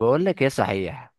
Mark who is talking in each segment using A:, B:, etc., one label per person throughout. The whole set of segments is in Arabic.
A: بقول لك ايه صحيح.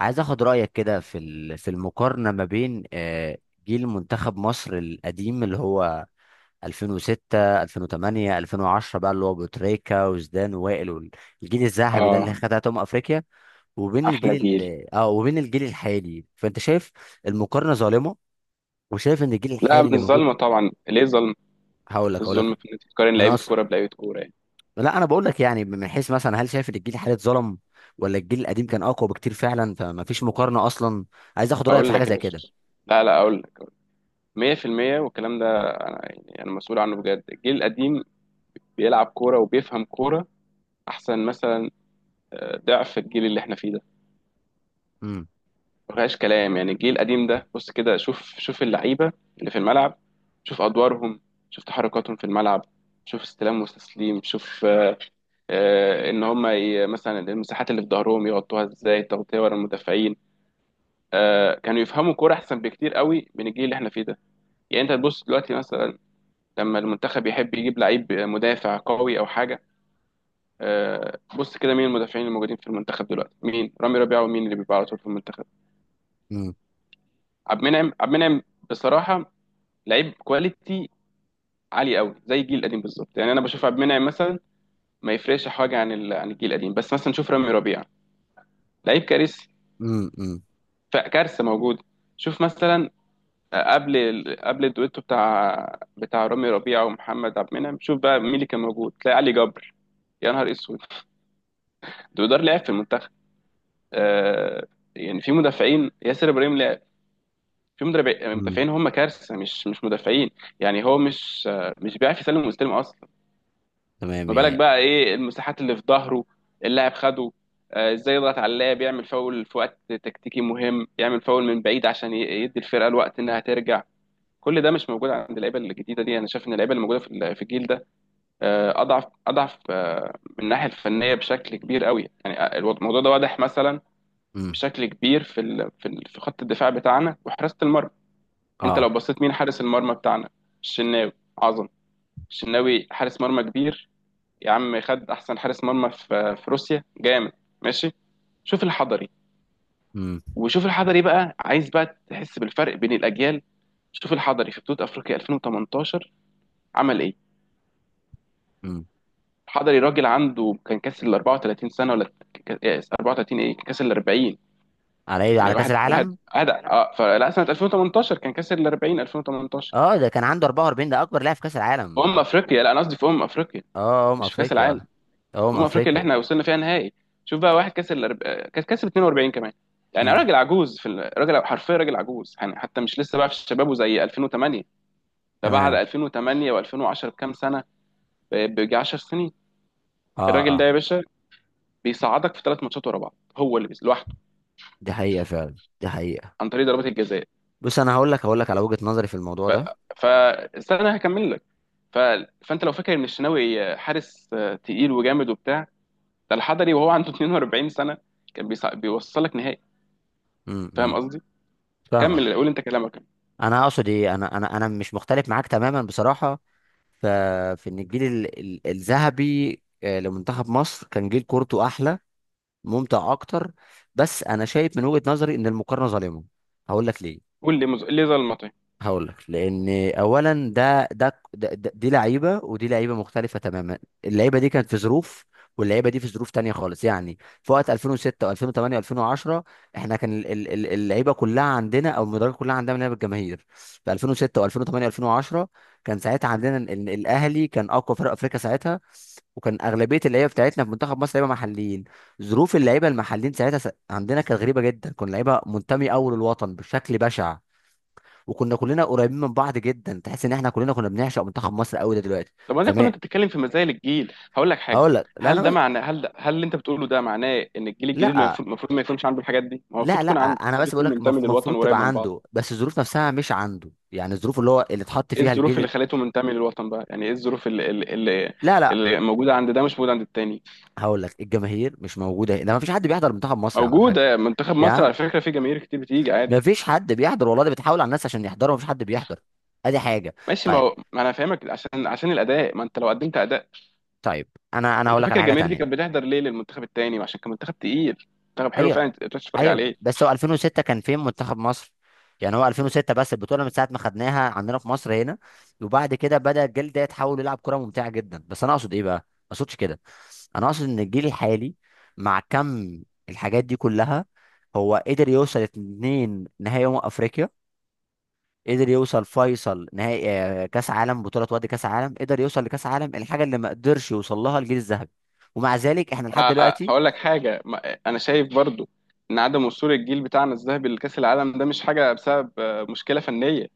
A: عايز اخد رايك كده في المقارنه ما بين جيل منتخب مصر القديم اللي هو 2006 2008 2010 بقى، اللي هو ابو تريكه وزدان ووائل والجيل الذهبي ده اللي
B: اه،
A: خدها افريقيا، وبين الجيل
B: احلى جيل.
A: وبين الجيل الحالي. فانت شايف المقارنه ظالمه، وشايف ان الجيل
B: لا
A: الحالي
B: من
A: اللي موجود.
B: الظلمه طبعا، ليه ظلم؟
A: هقول لك هقول
B: الظلم
A: لك
B: في ان انت تقارن
A: انا
B: لعيبه
A: أص...
B: كوره بلعيبه كوره يعني.
A: لا، انا بقول لك يعني، من حيث مثلا، هل شايف ان الجيل الحالي اتظلم، ولا الجيل القديم كان اقوى بكتير فعلا فما فيش مقارنه اصلا؟ عايز اخد رايك في
B: اقول
A: حاجه
B: لك يا
A: زي كده.
B: باشا، لا اقول لك 100%. والكلام ده انا يعني انا مسؤول عنه بجد. الجيل القديم بيلعب كوره وبيفهم كوره احسن مثلا. ضعف الجيل اللي احنا فيه ده
A: امم.
B: ما فيهاش كلام. يعني الجيل القديم ده، بص كده، شوف اللعيبه اللي في الملعب، شوف ادوارهم، شوف تحركاتهم في الملعب، شوف استلام وتسليم، شوف ان هم مثلا المساحات اللي في ظهرهم يغطوها ازاي، تغطيه ورا المدافعين. كانوا يفهموا كوره احسن بكتير قوي من الجيل اللي احنا فيه ده. يعني انت تبص دلوقتي مثلا، لما المنتخب يحب يجيب لعيب مدافع قوي او حاجه، بص كده مين المدافعين الموجودين في المنتخب دلوقتي؟ مين؟ رامي ربيعه. ومين اللي بيبقى على طول في المنتخب؟
A: امم.
B: عبد المنعم. بصراحه لعيب كواليتي عالي قوي زي الجيل القديم بالظبط. يعني انا بشوف عبد المنعم مثلا ما يفرقش حاجه عن عن الجيل القديم، بس مثلا شوف رامي ربيعه، لعيب كارثي.
A: امم. امم.
B: فكارثه موجوده. شوف مثلا قبل قبل الدويتو بتاع رامي ربيعه ومحمد عبد المنعم، شوف بقى مين اللي كان موجود. تلاقي علي جبر، يا نهار اسود. دودار لعب في المنتخب، آه. يعني في مدافعين، ياسر ابراهيم لعب. في
A: امم.
B: مدافعين هم كارثه، مش مدافعين. يعني هو مش مش بيعرف يسلم ويستلم اصلا.
A: تمام
B: ما بالك
A: يعني.
B: بقى ايه المساحات اللي في ظهره، اللاعب خده ازاي، يضغط على اللاعب، يعمل فاول في وقت تكتيكي مهم، يعمل فاول من بعيد عشان يدي الفرقه الوقت انها ترجع. كل ده مش موجود عند اللعيبه الجديده دي. انا شايف ان اللعيبه اللي موجوده في في الجيل ده اضعف من الناحيه الفنيه بشكل كبير قوي. يعني الموضوع ده واضح مثلا
A: امم.
B: بشكل كبير في في خط الدفاع بتاعنا وحراسه المرمى. انت
A: اه.
B: لو بصيت مين حارس المرمى بتاعنا؟ الشناوي، عظم. الشناوي حارس مرمى كبير. يا عم خد احسن حارس مرمى في في روسيا، جامد، ماشي. شوف الحضري،
A: امم.
B: وشوف الحضري بقى، عايز بقى تحس بالفرق بين الاجيال. شوف الحضري في بطوله افريقيا 2018 عمل ايه.
A: امم.
B: حضري راجل عنده، كان كاسر ال 34 سنه ولا إيه، 34 ايه، كان كاسر ال 40.
A: على ايه، على
B: يعني
A: كاس
B: واحد واحد
A: العالم؟
B: هذا اه فلا، سنه 2018 كان كاسر ال 40، 2018.
A: اه، ده كان عنده 44، ده اكبر لاعب في كاس
B: في
A: العالم.
B: افريقيا، لا انا قصدي في افريقيا،
A: اه، ام
B: مش في كاس العالم.
A: افريقيا. اه،
B: في
A: ام
B: افريقيا اللي
A: افريقيا.
B: احنا وصلنا فيها نهائي. شوف بقى واحد كاسر كان كاسر 42 كمان. يعني
A: امم.
B: راجل عجوز في راجل حرفيا راجل عجوز. يعني حتى مش لسه بقى في شبابه زي 2008. ده بعد
A: تمام.
B: 2008 و2010 بكام سنه؟ بيجي 10 سنين.
A: اه.
B: الراجل ده
A: اه.
B: يا باشا بيصعدك في ثلاث ماتشات ورا بعض، هو اللي لوحده
A: دي حقيقه فعلا، دي حقيقه.
B: عن طريق ضربات الجزاء.
A: بص، انا هقول لك على وجهه نظري في الموضوع
B: ف...
A: ده.
B: فاستنى هكمل لك. ف... فانت لو فاكر ان الشناوي حارس تقيل وجامد وبتاع، ده الحضري وهو عنده 42 سنه كان بيوصلك نهائي.
A: امم.
B: فاهم
A: امم.
B: قصدي؟
A: فاهمك.
B: كمل، قول انت كلامك.
A: انا اقصد ايه، انا مش مختلف معاك تماما بصراحه. ف- في ان الجيل الذهبي، لمنتخب مصر، كان جيل كورته احلى، ممتع اكتر. بس انا شايف من وجهه نظري ان المقارنه ظالمه. هقول لك ليه.
B: قول لي ليه ظل المطعم؟
A: هقول لك، لان اولا دي لعيبه ودي لعيبه مختلفه تماما. اللعيبه دي كانت في ظروف، واللعيبه دي في ظروف تانية خالص يعني. في وقت 2006 و2008 و2010، احنا كان اللعيبه كلها عندنا، او المدرجات كلها عندنا لعيبه الجماهير في 2006 و2008 و2010. كان ساعتها عندنا الاهلي كان اقوى فرق افريقيا ساعتها، وكان اغلبيه اللعيبه بتاعتنا في منتخب مصر لعيبه محليين. ظروف اللعيبه المحليين ساعتها عندنا كانت غريبه جدا، كنا لعيبه منتمي اول الوطن بشكل بشع، وكنا كلنا قريبين من بعض جدا، تحس ان احنا كلنا كنا بنعشق منتخب مصر قوي، ده دلوقتي
B: طب ما ده كله
A: زمان.
B: انت بتتكلم في مزايا الجيل. هقول لك حاجه،
A: اقول لك، لا
B: هل
A: انا
B: ده
A: بس.
B: معناه، هل اللي انت بتقوله ده معناه ان الجيل الجديد ما
A: لا،
B: المفروض ما يكونش عنده الحاجات دي؟ ما هو المفروض
A: لا، لا
B: يكون عنده،
A: انا
B: المفروض
A: بس بقول
B: يكون
A: لك
B: منتمي
A: المفروض
B: للوطن وقريب
A: تبقى
B: من بعض.
A: عنده، بس الظروف نفسها مش عنده، يعني الظروف اللي هو اللي اتحط
B: ايه
A: فيها
B: الظروف اللي
A: الجيل.
B: خلته منتمي للوطن بقى؟ يعني ايه الظروف اللي
A: لا، لا.
B: اللي موجوده عند ده مش موجوده عند التاني؟
A: هقول لك، الجماهير مش موجوده هنا، ما فيش حد بيحضر منتخب مصر يا عم الحاج.
B: موجودة منتخب
A: يا
B: مصر
A: عم،
B: على فكرة، في جماهير كتير بتيجي عادي.
A: ما فيش حد بيحضر والله، ده بتحاول على الناس عشان يحضروا، ما فيش حد بيحضر. ادي حاجه.
B: ماشي، ما
A: طيب.
B: هو ما انا فاهمك، عشان عشان الاداء، ما انت لو قدمت اداء.
A: طيب، انا
B: انت
A: هقول لك
B: فاكر
A: على حاجه
B: الجماهير دي كانت
A: تانيه.
B: بتحضر ليه للمنتخب التاني؟ عشان كان منتخب تقيل، منتخب حلو
A: ايوه.
B: فعلا تقدر تتفرج
A: ايوه،
B: عليه.
A: بس هو 2006 كان فين منتخب مصر؟ يعني هو 2006، بس البطوله من ساعه ما خدناها عندنا في مصر هنا، وبعد كده بدا الجيل ده يتحول يلعب كره ممتعه جدا. بس انا اقصد ايه بقى، ما اقصدش كده. انا اقصد ان الجيل الحالي، مع كم الحاجات دي كلها، هو قدر يوصل اتنين نهائي افريقيا، قدر يوصل فيصل نهائي، كاس عالم بطوله، وادي كاس عالم، قدر يوصل لكاس عالم، الحاجه اللي ما قدرش يوصل لها الجيل الذهبي. ومع ذلك احنا لحد دلوقتي.
B: هقول لك حاجة، انا شايف برضو ان عدم وصول الجيل بتاعنا الذهبي لكأس العالم ده مش حاجة بسبب مشكلة فنية.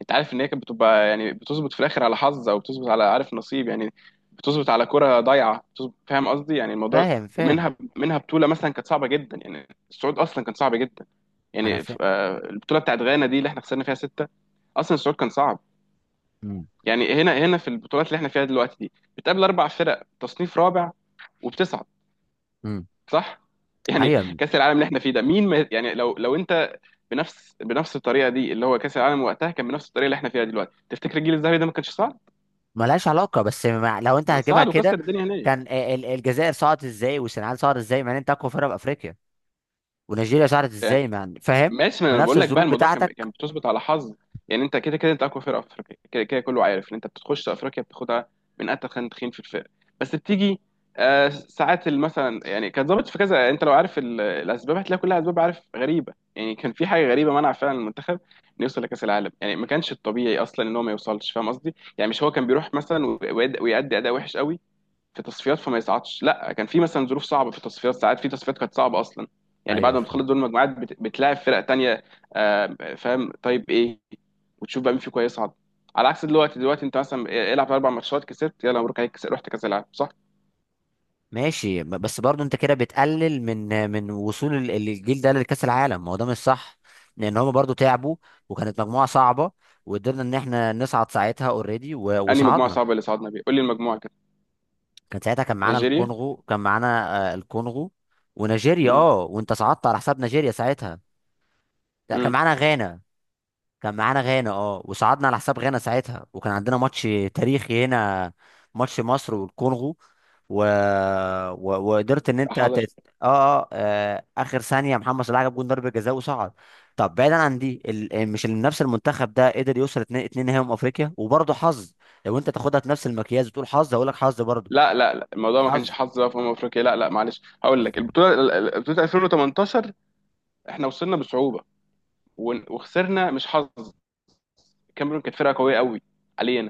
B: انت عارف ان هي كانت بتبقى يعني بتظبط في الاخر على حظ، او بتظبط على، عارف، نصيب يعني، بتظبط على كرة ضايعه بتظبط، فاهم قصدي؟ يعني الموضوع،
A: فاهم، فاهم.
B: ومنها، منها بطوله مثلا كانت صعبه جدا، يعني الصعود اصلا كان صعب جدا.
A: انا
B: يعني
A: فاهم.
B: البطوله بتاعت غانا دي اللي احنا خسرنا فيها سته، اصلا الصعود كان صعب.
A: امم.
B: يعني هنا هنا في البطولات اللي احنا فيها دلوقتي دي، بتقابل اربع فرق تصنيف رابع وبتصعد،
A: امم.
B: صح يعني.
A: ايوه.
B: كاس العالم اللي احنا فيه ده، مين ما يعني، لو لو انت بنفس بنفس الطريقه دي، اللي هو كاس العالم وقتها كان بنفس الطريقه اللي احنا فيها دلوقتي، تفتكر الجيل الذهبي ده ما كانش صعب؟
A: ملهاش علاقة، بس مع... لو انت
B: كان
A: هتجيبها
B: صعد
A: كده،
B: وكسر الدنيا هناك
A: كان الجزائر صعدت ازاي، والسنغال صعدت ازاي مع ان انت اقوى فرقة بافريقيا؟ ونيجيريا صعدت
B: يعني.
A: ازاي مع فاهم؟
B: ماشي، ما انا
A: بنفس
B: بقول لك بقى،
A: الظروف
B: الموضوع كان كان
A: بتاعتك.
B: بتظبط على حظ. يعني انت كده كده انت اقوى فرقه في افريقيا، كده كده كله عارف ان انت بتخش افريقيا بتاخدها من اتخن تخين في الفرق. بس بتيجي آه ساعات مثلا، يعني كان ظابط في كذا. انت لو عارف الاسباب هتلاقي كلها اسباب، عارف، غريبه يعني. كان في حاجه غريبه منع فعلا المنتخب انه يوصل لكاس العالم. يعني ما كانش الطبيعي اصلا ان هو ما يوصلش، فاهم قصدي؟ يعني مش هو كان بيروح مثلا ويأدي اداء وحش قوي في تصفيات فما يصعدش، لا كان في مثلا ظروف صعبه في التصفيات. ساعات في تصفيات كانت صعبه اصلا، يعني بعد
A: ايوه،
B: ما
A: فاهم.
B: بتخلص دور المجموعات بتلاعب فرق تانية فاهم؟ طيب ايه، وتشوف بقى مين فيكم هيصعد. على عكس دلوقتي، دلوقتي انت مثلا العب اربع ماتشات كسبت، يلا مبروك عليك، رحت كاس العالم. صح؟
A: ماشي، بس برضو انت كده بتقلل من وصول الجيل ده لكأس العالم، ما هو ده مش صح، لان هما برضو تعبوا، وكانت مجموعة صعبة، وقدرنا ان احنا نصعد ساعتها اوريدي
B: انهي مجموعه
A: وصعدنا.
B: صعبه اللي صعدنا بيها؟ قول لي المجموعه كده.
A: كان ساعتها، كان معانا
B: نيجيريا؟
A: الكونغو، كان معانا، الكونغو ونيجيريا.
B: امم.
A: اه، وانت صعدت على حساب نيجيريا ساعتها. لا، كان
B: امم.
A: معانا غانا. كان معانا غانا، اه، وصعدنا على حساب غانا ساعتها، وكان عندنا ماتش تاريخي هنا، ماتش مصر والكونغو، و... وقدرت ان انت اه.
B: حضر.
A: اه، اخر ثانيه محمد صلاح جاب جون ضربه جزاء وصعد. طب بعيدا عن دي، ال... مش ال- نفس المنتخب ده قدر يوصل اتنين نهائي من افريقيا، وبرضه حظ. لو انت تاخدها في نفس المكياج وتقول حظ، هقول لك حظ برضه.
B: لا الموضوع ما كانش
A: حظ.
B: حظ بقى في افريقيا، لا لا، معلش هقول لك، البطوله بطوله 2018، احنا وصلنا بصعوبه وخسرنا، مش حظ، الكاميرون كانت فرقه قويه قوي حاليا،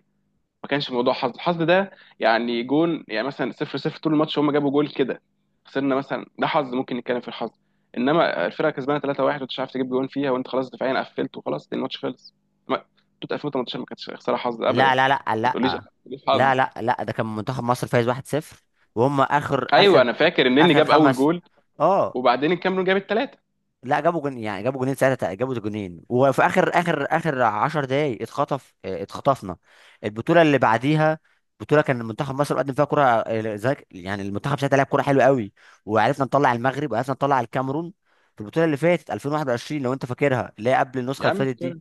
B: ما كانش موضوع حظ. الحظ ده يعني جون يعني مثلا، صفر صفر طول الماتش، هم جابوا جول كده خسرنا مثلا، ده حظ، ممكن نتكلم في الحظ. انما الفرقه كسبانه 3-1 وانت مش عارف تجيب جون فيها، وانت خلاص دفاعيا قفلت، وخلاص الماتش خلص، ما بطوله 2018 ما كانتش خساره حظ ابدا. ما
A: لا، لا، لا، لا.
B: تقوليش حظ.
A: لا، لا، لا، ده كان منتخب مصر فايز 1-0، وهم اخر
B: ايوه
A: اخر
B: انا فاكر، النني
A: اخر
B: جاب اول
A: خمس.
B: جول
A: اه.
B: وبعدين الكاميرون جاب الثلاثه.
A: لا، جابوا جون، يعني جابوا جونين ساعتها، جابوا جونين، وفي اخر 10 دقايق اتخطف. اه، اتخطفنا البطوله اللي بعديها. بطوله كان منتخب مصر قدم فيها كره اه، يعني المنتخب ساعتها لعب كره حلوه قوي، وعرفنا نطلع المغرب وعرفنا نطلع الكاميرون. في البطوله اللي فاتت 2021، لو انت فاكرها، اللي هي قبل النسخه
B: يا
A: اللي
B: عم
A: فاتت دي.
B: فاكر،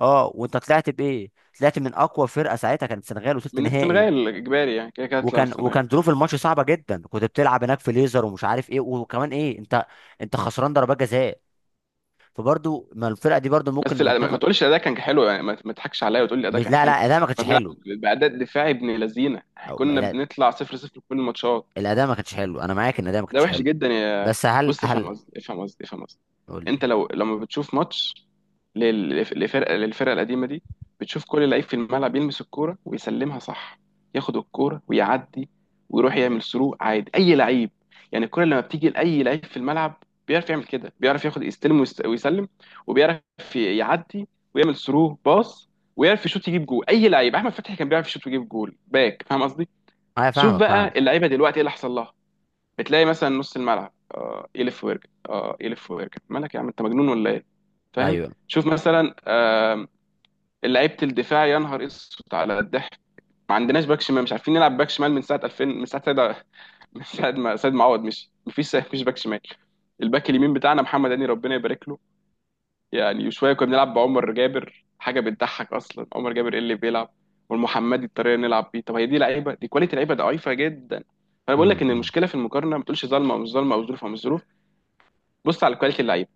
A: اه، وانت طلعت بايه؟ طلعت من اقوى فرقه ساعتها، كانت السنغال، وصلت
B: من
A: نهائي.
B: السنغال اجباري يعني، كده كده هتطلع من
A: وكان
B: السنغال.
A: وكان ظروف الماتش صعبه جدا، كنت بتلعب هناك في ليزر ومش عارف ايه، وكمان ايه، انت خسران ضربات جزاء. فبرضه ما الفرقه دي برضه ممكن
B: بس الأداء ما
A: منتخب.
B: تقولش الاداء كان حلو يعني، ما ما تضحكش عليا وتقول لي الاداء
A: مش،
B: كان
A: لا،
B: حلو.
A: لا، الاداء ما كانش
B: كنا بنلعب
A: حلو.
B: باداء دفاعي ابن لذينه،
A: او
B: كنا
A: لا،
B: بنطلع 0 0 في كل الماتشات،
A: الاداء ما كانش حلو، انا معاك ان الاداء ما
B: ده
A: كانش
B: وحش
A: حلو.
B: جدا يا.
A: بس هل
B: بص افهم
A: هل
B: قصدي افهم قصدي افهم قصدي.
A: قول لي.
B: انت لو لما بتشوف ماتش للفرقه القديمه دي، بتشوف كل لعيب في الملعب يلمس الكوره ويسلمها صح، ياخد الكوره ويعدي، ويروح يعمل سرو عادي، اي لعيب. يعني الكوره لما بتيجي لاي لعيب في الملعب بيعرف يعمل كده، بيعرف ياخد، يستلم ويسلم، وبيعرف يعدي، ويعمل سرو باص، ويعرف يشوط يجيب جول، اي لعيب. احمد فتحي كان بيعرف يشوط ويجيب جول، باك. فاهم قصدي؟
A: انا
B: شوف
A: فاهمك،
B: بقى
A: فاهم.
B: اللعيبه دلوقتي ايه اللي حصل لها. بتلاقي مثلا نص الملعب يلف ويرجع، يلف ويرجع. مالك يا عم، انت مجنون ولا ايه؟ فاهم؟
A: ايوه.
B: شوف مثلا لعيبه الدفاع، يا نهار اسود على الضحك. ما عندناش باك شمال، مش عارفين نلعب باك شمال من ساعه 2000، من ساعه سيد من ساعه ما سيد معوض مشي، مفيش باك شمال. الباك اليمين بتاعنا محمد هاني، ربنا يبارك له يعني. وشويه كنا بنلعب بعمر جابر، حاجه بتضحك اصلا، عمر جابر ايه اللي بيلعب، والمحمدي الطريقه اللي نلعب بيه. طب هي دي لعيبه؟ دي كواليتي لعيبه ضعيفه جدا. فانا بقول
A: امم.
B: لك ان
A: أمم.
B: المشكله في المقارنه، ما تقولش ظالمه او مش ظالمه، او ظروف او مش ظروف، بص على كواليتي اللعيبه.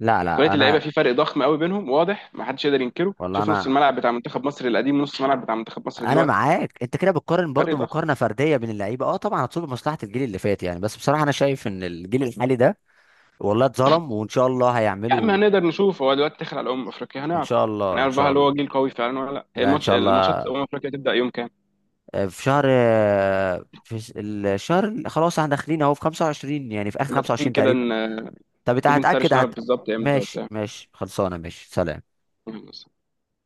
A: لا، لا،
B: كواليتي اللعيبه
A: انا.
B: في فرق ضخم قوي بينهم واضح، ما حدش يقدر ينكره.
A: والله
B: شوف نص
A: انا.
B: الملعب بتاع منتخب مصر القديم، ونص الملعب بتاع منتخب مصر
A: انا
B: دلوقتي،
A: معاك، انت كده بتقارن برضو
B: فرق ضخم.
A: مقارنه فرديه بين اللعيبه، اه طبعا هتصب مصلحه الجيل اللي فات يعني، بس بصراحه انا شايف ان الجيل الحالي ده والله اتظلم. وان شاء الله
B: يا عم
A: هيعملوا.
B: هنقدر نشوف، هو دلوقتي داخل على افريقيا،
A: ان
B: هنعرف.
A: شاء الله، ان
B: هنعرف بقى
A: شاء
B: هل هو
A: الله.
B: جيل قوي فعلا ولا لا. هي
A: لا، ان
B: الماتش،
A: شاء
B: الماتشات
A: الله.
B: افريقيا تبدا يوم كام؟
A: في شهر، في الشهر اللي خلاص احنا داخلين اهو، في 25، يعني في اخر
B: لما تيجي
A: 25
B: كده
A: تقريبا. طب انت
B: تيجي
A: هتاكد،
B: نسرش نعرف
A: هت.
B: بالظبط امتى
A: ماشي،
B: وبتاع.
A: ماشي خلصانه، ماشي سلام.
B: الصين.